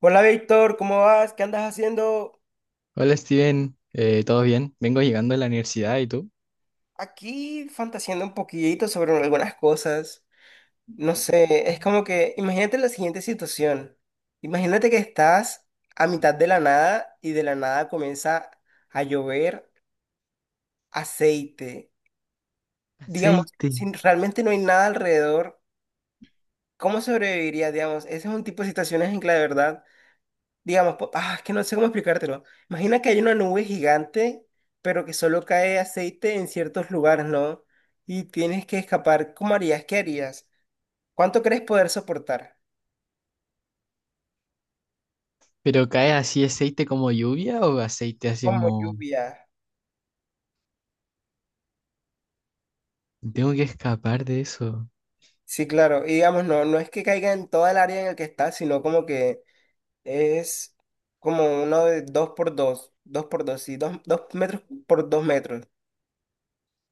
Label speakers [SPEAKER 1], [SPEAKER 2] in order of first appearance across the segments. [SPEAKER 1] Hola Víctor, ¿cómo vas? ¿Qué andas haciendo?
[SPEAKER 2] Hola Steven, ¿todo bien? Vengo llegando a la universidad, ¿y tú?
[SPEAKER 1] Aquí fantaseando un poquito sobre algunas cosas. No sé, es como que imagínate la siguiente situación. Imagínate que estás a mitad de la nada y de la nada comienza a llover aceite. Digamos,
[SPEAKER 2] Aceite.
[SPEAKER 1] si realmente no hay nada alrededor, ¿cómo sobrevivirías? Digamos, ese es un tipo de situaciones en que la verdad digamos, es que no sé cómo explicártelo. Imagina que hay una nube gigante, pero que solo cae aceite en ciertos lugares, ¿no? Y tienes que escapar. ¿Cómo harías? ¿Qué harías? ¿Cuánto crees poder soportar?
[SPEAKER 2] ¿Pero cae así aceite como lluvia o aceite así
[SPEAKER 1] Como
[SPEAKER 2] como...
[SPEAKER 1] lluvia.
[SPEAKER 2] Tengo que escapar de eso.
[SPEAKER 1] Sí, claro. Y digamos, no, no es que caiga en toda el área en el que está, sino como que es como uno de dos por dos, sí, dos metros por dos metros.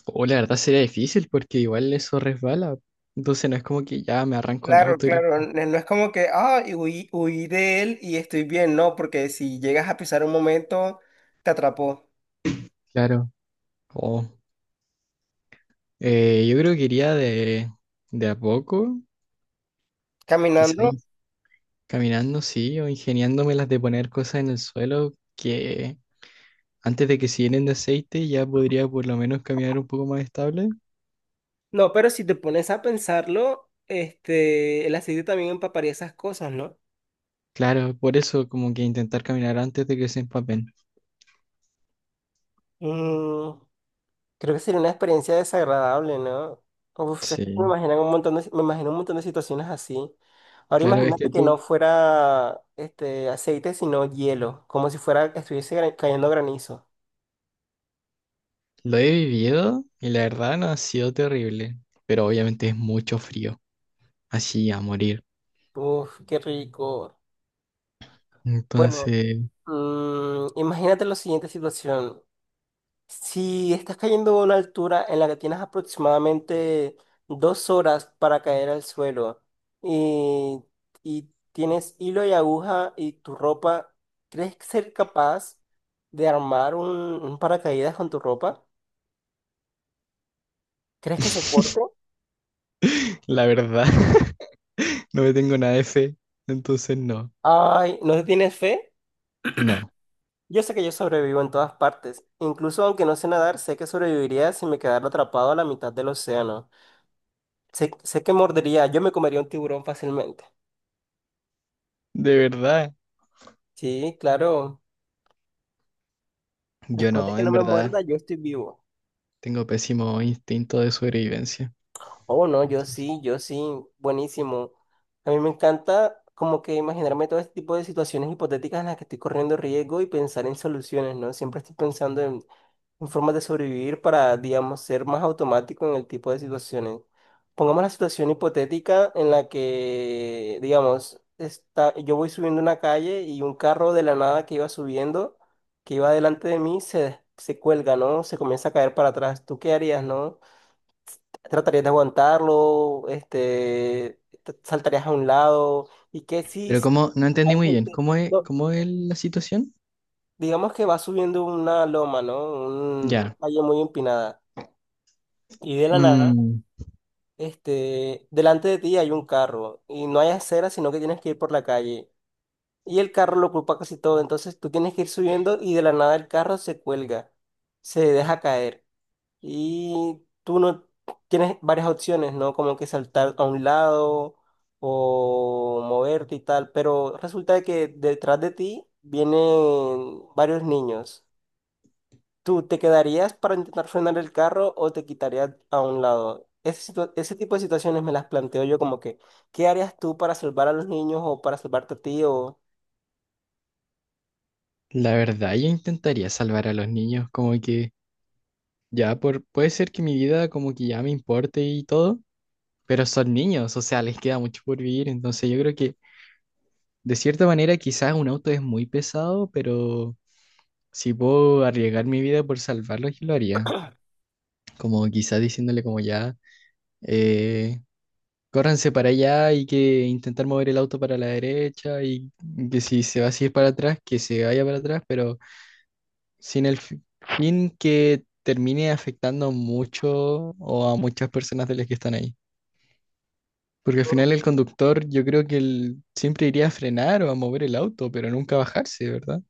[SPEAKER 2] O la verdad sería difícil porque igual eso resbala. Entonces no es como que ya me arranco en
[SPEAKER 1] Claro,
[SPEAKER 2] auto y...
[SPEAKER 1] claro, no es como que, y huí de él y estoy bien, no, porque si llegas a pisar un momento, te atrapó
[SPEAKER 2] Claro. O yo creo que iría de a poco,
[SPEAKER 1] caminando.
[SPEAKER 2] quizá in- caminando, sí, o ingeniándome las de poner cosas en el suelo que antes de que se llenen de aceite ya podría por lo menos caminar un poco más estable.
[SPEAKER 1] No, pero si te pones a pensarlo, el aceite también empaparía esas cosas, ¿no?
[SPEAKER 2] Claro, por eso como que intentar caminar antes de que se empapen.
[SPEAKER 1] Mm, creo que sería una experiencia desagradable, ¿no? Uf, es que me
[SPEAKER 2] Sí,
[SPEAKER 1] imaginan un montón de, si, me imagino un montón de situaciones así. Ahora
[SPEAKER 2] claro, es que
[SPEAKER 1] imagínate que no
[SPEAKER 2] tú
[SPEAKER 1] fuera este aceite, sino hielo, como si fuera estuviese cayendo granizo.
[SPEAKER 2] lo he vivido y la verdad no ha sido terrible, pero obviamente es mucho frío, así a morir.
[SPEAKER 1] Uf, qué rico. Bueno,
[SPEAKER 2] Entonces,
[SPEAKER 1] Imagínate la siguiente situación. Si estás cayendo a una altura en la que tienes aproximadamente 2 horas para caer al suelo y, y tienes hilo y aguja y tu ropa, ¿crees que ser capaz de armar un paracaídas con tu ropa? ¿Crees que soporte?
[SPEAKER 2] la verdad, no me tengo nada de fe, entonces no,
[SPEAKER 1] Ay, ¿no le tienes fe?
[SPEAKER 2] no,
[SPEAKER 1] Yo sé que yo sobrevivo en todas partes. Incluso aunque no sé nadar, sé que sobreviviría si me quedara atrapado a la mitad del océano. Sé que mordería, yo me comería un tiburón fácilmente.
[SPEAKER 2] de verdad,
[SPEAKER 1] Sí, claro.
[SPEAKER 2] yo
[SPEAKER 1] Después de
[SPEAKER 2] no,
[SPEAKER 1] que no
[SPEAKER 2] en
[SPEAKER 1] me
[SPEAKER 2] verdad,
[SPEAKER 1] muerda, yo estoy vivo.
[SPEAKER 2] tengo pésimo instinto de sobrevivencia.
[SPEAKER 1] Oh, no, yo
[SPEAKER 2] Entonces,
[SPEAKER 1] sí, yo sí, buenísimo. A mí me encanta como que imaginarme todo este tipo de situaciones hipotéticas en las que estoy corriendo riesgo y pensar en soluciones, ¿no? Siempre estoy pensando en, formas de sobrevivir para, digamos, ser más automático en el tipo de situaciones. Pongamos la situación hipotética en la que, digamos, yo voy subiendo una calle y un carro de la nada que iba subiendo, que iba delante de mí, se cuelga, ¿no? Se comienza a caer para atrás. ¿Tú qué harías, no? ¿Tratarías de aguantarlo? Este, ¿saltarías a un lado? ¿Y qué si
[SPEAKER 2] pero
[SPEAKER 1] si
[SPEAKER 2] como, no entendí
[SPEAKER 1] hay
[SPEAKER 2] muy bien,
[SPEAKER 1] gente... no,
[SPEAKER 2] cómo es la situación?
[SPEAKER 1] digamos que va subiendo una loma, ¿no? Una
[SPEAKER 2] Ya.
[SPEAKER 1] calle muy empinada. Y de la nada,
[SPEAKER 2] Mm.
[SPEAKER 1] delante de ti hay un carro y no hay acera, sino que tienes que ir por la calle. Y el carro lo ocupa casi todo, entonces tú tienes que ir subiendo y de la nada el carro se cuelga, se deja caer. Y tú no tienes varias opciones, ¿no? Como que saltar a un lado o moverte y tal, pero resulta de que detrás de ti vienen varios niños. ¿Tú te quedarías para intentar frenar el carro o te quitarías a un lado? Ese tipo de situaciones me las planteo yo como que, ¿qué harías tú para salvar a los niños o para salvarte a ti? O...
[SPEAKER 2] La verdad, yo intentaría salvar a los niños, como que ya por, puede ser que mi vida como que ya me importe y todo, pero son niños, o sea, les queda mucho por vivir, entonces yo creo que de cierta manera quizás un auto es muy pesado, pero si puedo arriesgar mi vida por salvarlos, yo lo haría, como quizás diciéndole como ya, eh, córranse para allá y que intentar mover el auto para la derecha y que si se va así para atrás, que se vaya para atrás, pero sin el fin que termine afectando mucho o a muchas personas de las que están ahí. Porque al final el conductor, yo creo que él siempre iría a frenar o a mover el auto, pero nunca a bajarse, ¿verdad?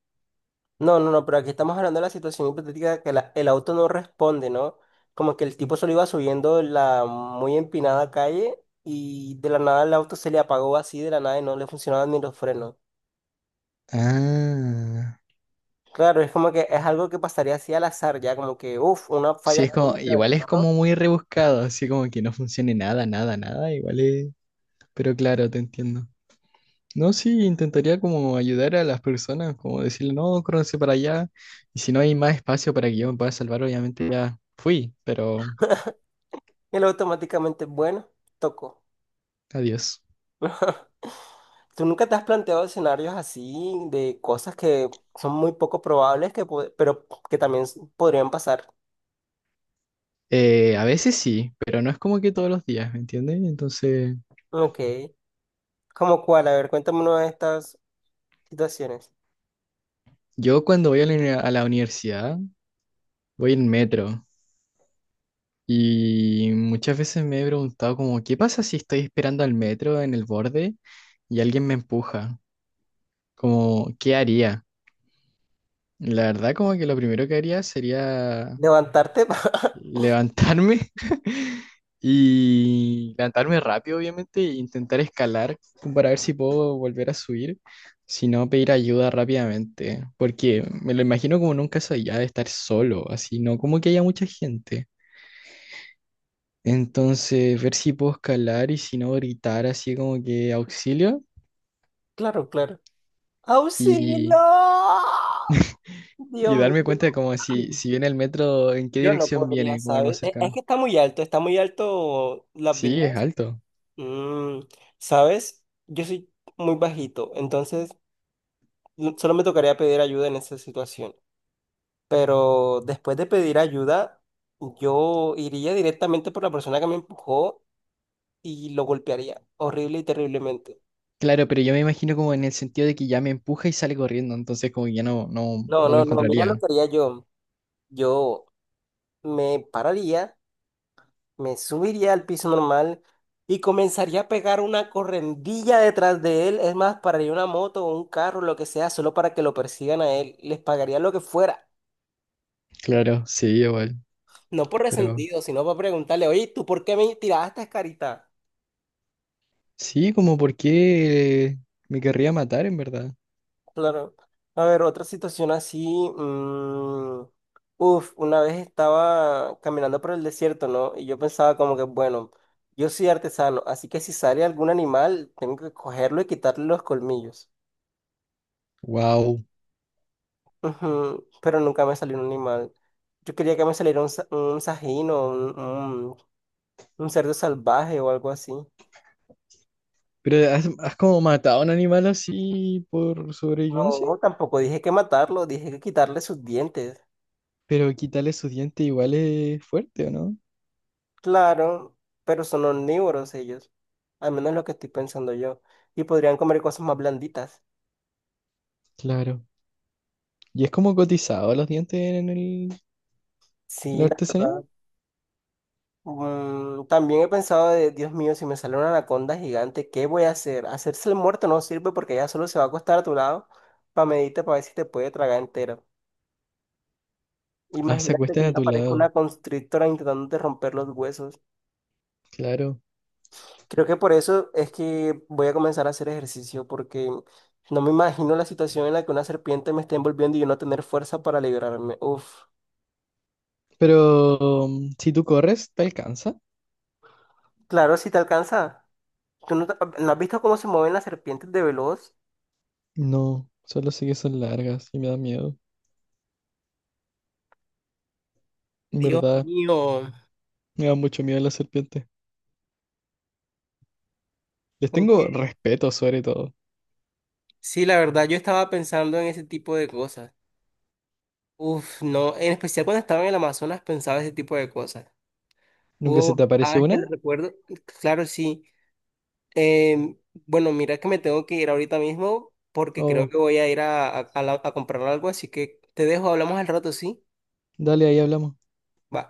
[SPEAKER 1] No, no, no, pero aquí estamos hablando de la situación hipotética de que el auto no responde, ¿no? Como que el tipo solo iba subiendo la muy empinada calle y de la nada el auto se le apagó así de la nada y no le funcionaban ni los frenos.
[SPEAKER 2] Ah,
[SPEAKER 1] Claro, es como que es algo que pasaría así al azar, ya como que, uff, una
[SPEAKER 2] sí,
[SPEAKER 1] falla
[SPEAKER 2] es como,
[SPEAKER 1] técnica del
[SPEAKER 2] igual es
[SPEAKER 1] carro
[SPEAKER 2] como muy rebuscado, así como que no funcione nada, nada, nada, igual es, pero claro, te entiendo. No, sí, intentaría como ayudar a las personas, como decirle, no, córranse para allá, y si no hay más espacio para que yo me pueda salvar, obviamente ya fui, pero
[SPEAKER 1] y él automáticamente, bueno, tocó.
[SPEAKER 2] adiós.
[SPEAKER 1] ¿Tú nunca te has planteado escenarios así de cosas que son muy poco probables, que, pero que también podrían pasar?
[SPEAKER 2] A veces sí, pero no es como que todos los días, ¿me entiendes? Entonces,
[SPEAKER 1] Ok. ¿Cómo cuál? A ver, cuéntame una de estas situaciones.
[SPEAKER 2] yo cuando voy a a la universidad, voy en metro y muchas veces me he preguntado como, ¿qué pasa si estoy esperando al metro en el borde y alguien me empuja? Como, ¿qué haría? La verdad como que lo primero que haría sería
[SPEAKER 1] Levantarte.
[SPEAKER 2] levantarme y levantarme rápido, obviamente, e intentar escalar como para ver si puedo volver a subir, si no pedir ayuda rápidamente, porque me lo imagino como nunca soy ya de estar solo, así no como que haya mucha gente. Entonces, ver si puedo escalar y si no gritar así como que auxilio
[SPEAKER 1] Claro, claro. ¡Auxilio!
[SPEAKER 2] y, y
[SPEAKER 1] Dios mío.
[SPEAKER 2] darme cuenta de como si, si viene el metro, en qué
[SPEAKER 1] Yo no
[SPEAKER 2] dirección
[SPEAKER 1] podría,
[SPEAKER 2] viene, como el
[SPEAKER 1] ¿sabes?
[SPEAKER 2] más
[SPEAKER 1] Es
[SPEAKER 2] cercano.
[SPEAKER 1] que está muy alto las
[SPEAKER 2] Sí, es
[SPEAKER 1] vías.
[SPEAKER 2] alto.
[SPEAKER 1] Mm, ¿sabes? Yo soy muy bajito, entonces mm, solo me tocaría pedir ayuda en esa situación. Pero después de pedir ayuda, yo iría directamente por la persona que me empujó y lo golpearía horrible y terriblemente.
[SPEAKER 2] Claro, pero yo me imagino como en el sentido de que ya me empuja y sale corriendo, entonces como que ya no, no,
[SPEAKER 1] No,
[SPEAKER 2] no
[SPEAKER 1] no,
[SPEAKER 2] lo
[SPEAKER 1] no, mira lo
[SPEAKER 2] encontraría.
[SPEAKER 1] que haría yo. Yo me pararía, me subiría al piso normal y comenzaría a pegar una correndilla detrás de él. Es más, pararía una moto o un carro, lo que sea, solo para que lo persigan a él. Les pagaría lo que fuera.
[SPEAKER 2] Claro, sí, igual,
[SPEAKER 1] No por
[SPEAKER 2] pero
[SPEAKER 1] resentido, sino para preguntarle, oye, ¿tú por qué me tiraste, carita?
[SPEAKER 2] sí, como por qué me querría matar en verdad.
[SPEAKER 1] Claro. A ver, otra situación así. mm, uf, una vez estaba caminando por el desierto, ¿no? Y yo pensaba como que, bueno, yo soy artesano, así que si sale algún animal, tengo que cogerlo y quitarle los colmillos.
[SPEAKER 2] Wow.
[SPEAKER 1] Ujú. Pero nunca me salió un animal. Yo quería que me saliera un, un sajín o un cerdo salvaje o algo así.
[SPEAKER 2] Pero has, has como matado a un animal así por sobrevivencia,
[SPEAKER 1] No, tampoco dije que matarlo, dije que quitarle sus dientes.
[SPEAKER 2] pero quitarle sus dientes igual es fuerte, ¿o no?
[SPEAKER 1] Claro, pero son omnívoros ellos. Al menos lo que estoy pensando yo. Y podrían comer cosas más blanditas.
[SPEAKER 2] Claro. ¿Y es como cotizado los dientes en el, en
[SPEAKER 1] Sí,
[SPEAKER 2] la
[SPEAKER 1] la
[SPEAKER 2] artesanía?
[SPEAKER 1] verdad. También he pensado de, Dios mío, si me sale una anaconda gigante, ¿qué voy a hacer? Hacerse el muerto no sirve porque ella solo se va a acostar a tu lado para medirte para ver si te puede tragar entero.
[SPEAKER 2] Ah, se
[SPEAKER 1] Imagínate
[SPEAKER 2] acuestan
[SPEAKER 1] que
[SPEAKER 2] a
[SPEAKER 1] ya
[SPEAKER 2] tu
[SPEAKER 1] aparezca una
[SPEAKER 2] lado,
[SPEAKER 1] constrictora intentando de romper los huesos.
[SPEAKER 2] claro.
[SPEAKER 1] Creo que por eso es que voy a comenzar a hacer ejercicio porque no me imagino la situación en la que una serpiente me esté envolviendo y yo no tener fuerza para liberarme. Uf.
[SPEAKER 2] Pero mm, si tú corres, te alcanza.
[SPEAKER 1] Claro, si te alcanza. ¿Tú no, no has visto cómo se mueven las serpientes de veloz?
[SPEAKER 2] No, solo sé que son largas y me da miedo. En
[SPEAKER 1] Dios
[SPEAKER 2] verdad,
[SPEAKER 1] mío.
[SPEAKER 2] me da mucho miedo las serpientes. Les tengo
[SPEAKER 1] Ok.
[SPEAKER 2] respeto sobre todo.
[SPEAKER 1] Sí, la verdad, yo estaba pensando en ese tipo de cosas. Uf, no, en especial cuando estaba en el Amazonas pensaba ese tipo de cosas.
[SPEAKER 2] ¿Nunca se
[SPEAKER 1] Uf,
[SPEAKER 2] te apareció
[SPEAKER 1] es que
[SPEAKER 2] una?
[SPEAKER 1] le recuerdo, claro, sí. Em, bueno, mira que me tengo que ir ahorita mismo porque creo
[SPEAKER 2] Oh,
[SPEAKER 1] que voy a ir a comprar algo, así que te dejo, hablamos al rato, ¿sí?
[SPEAKER 2] dale, ahí hablamos.
[SPEAKER 1] Va.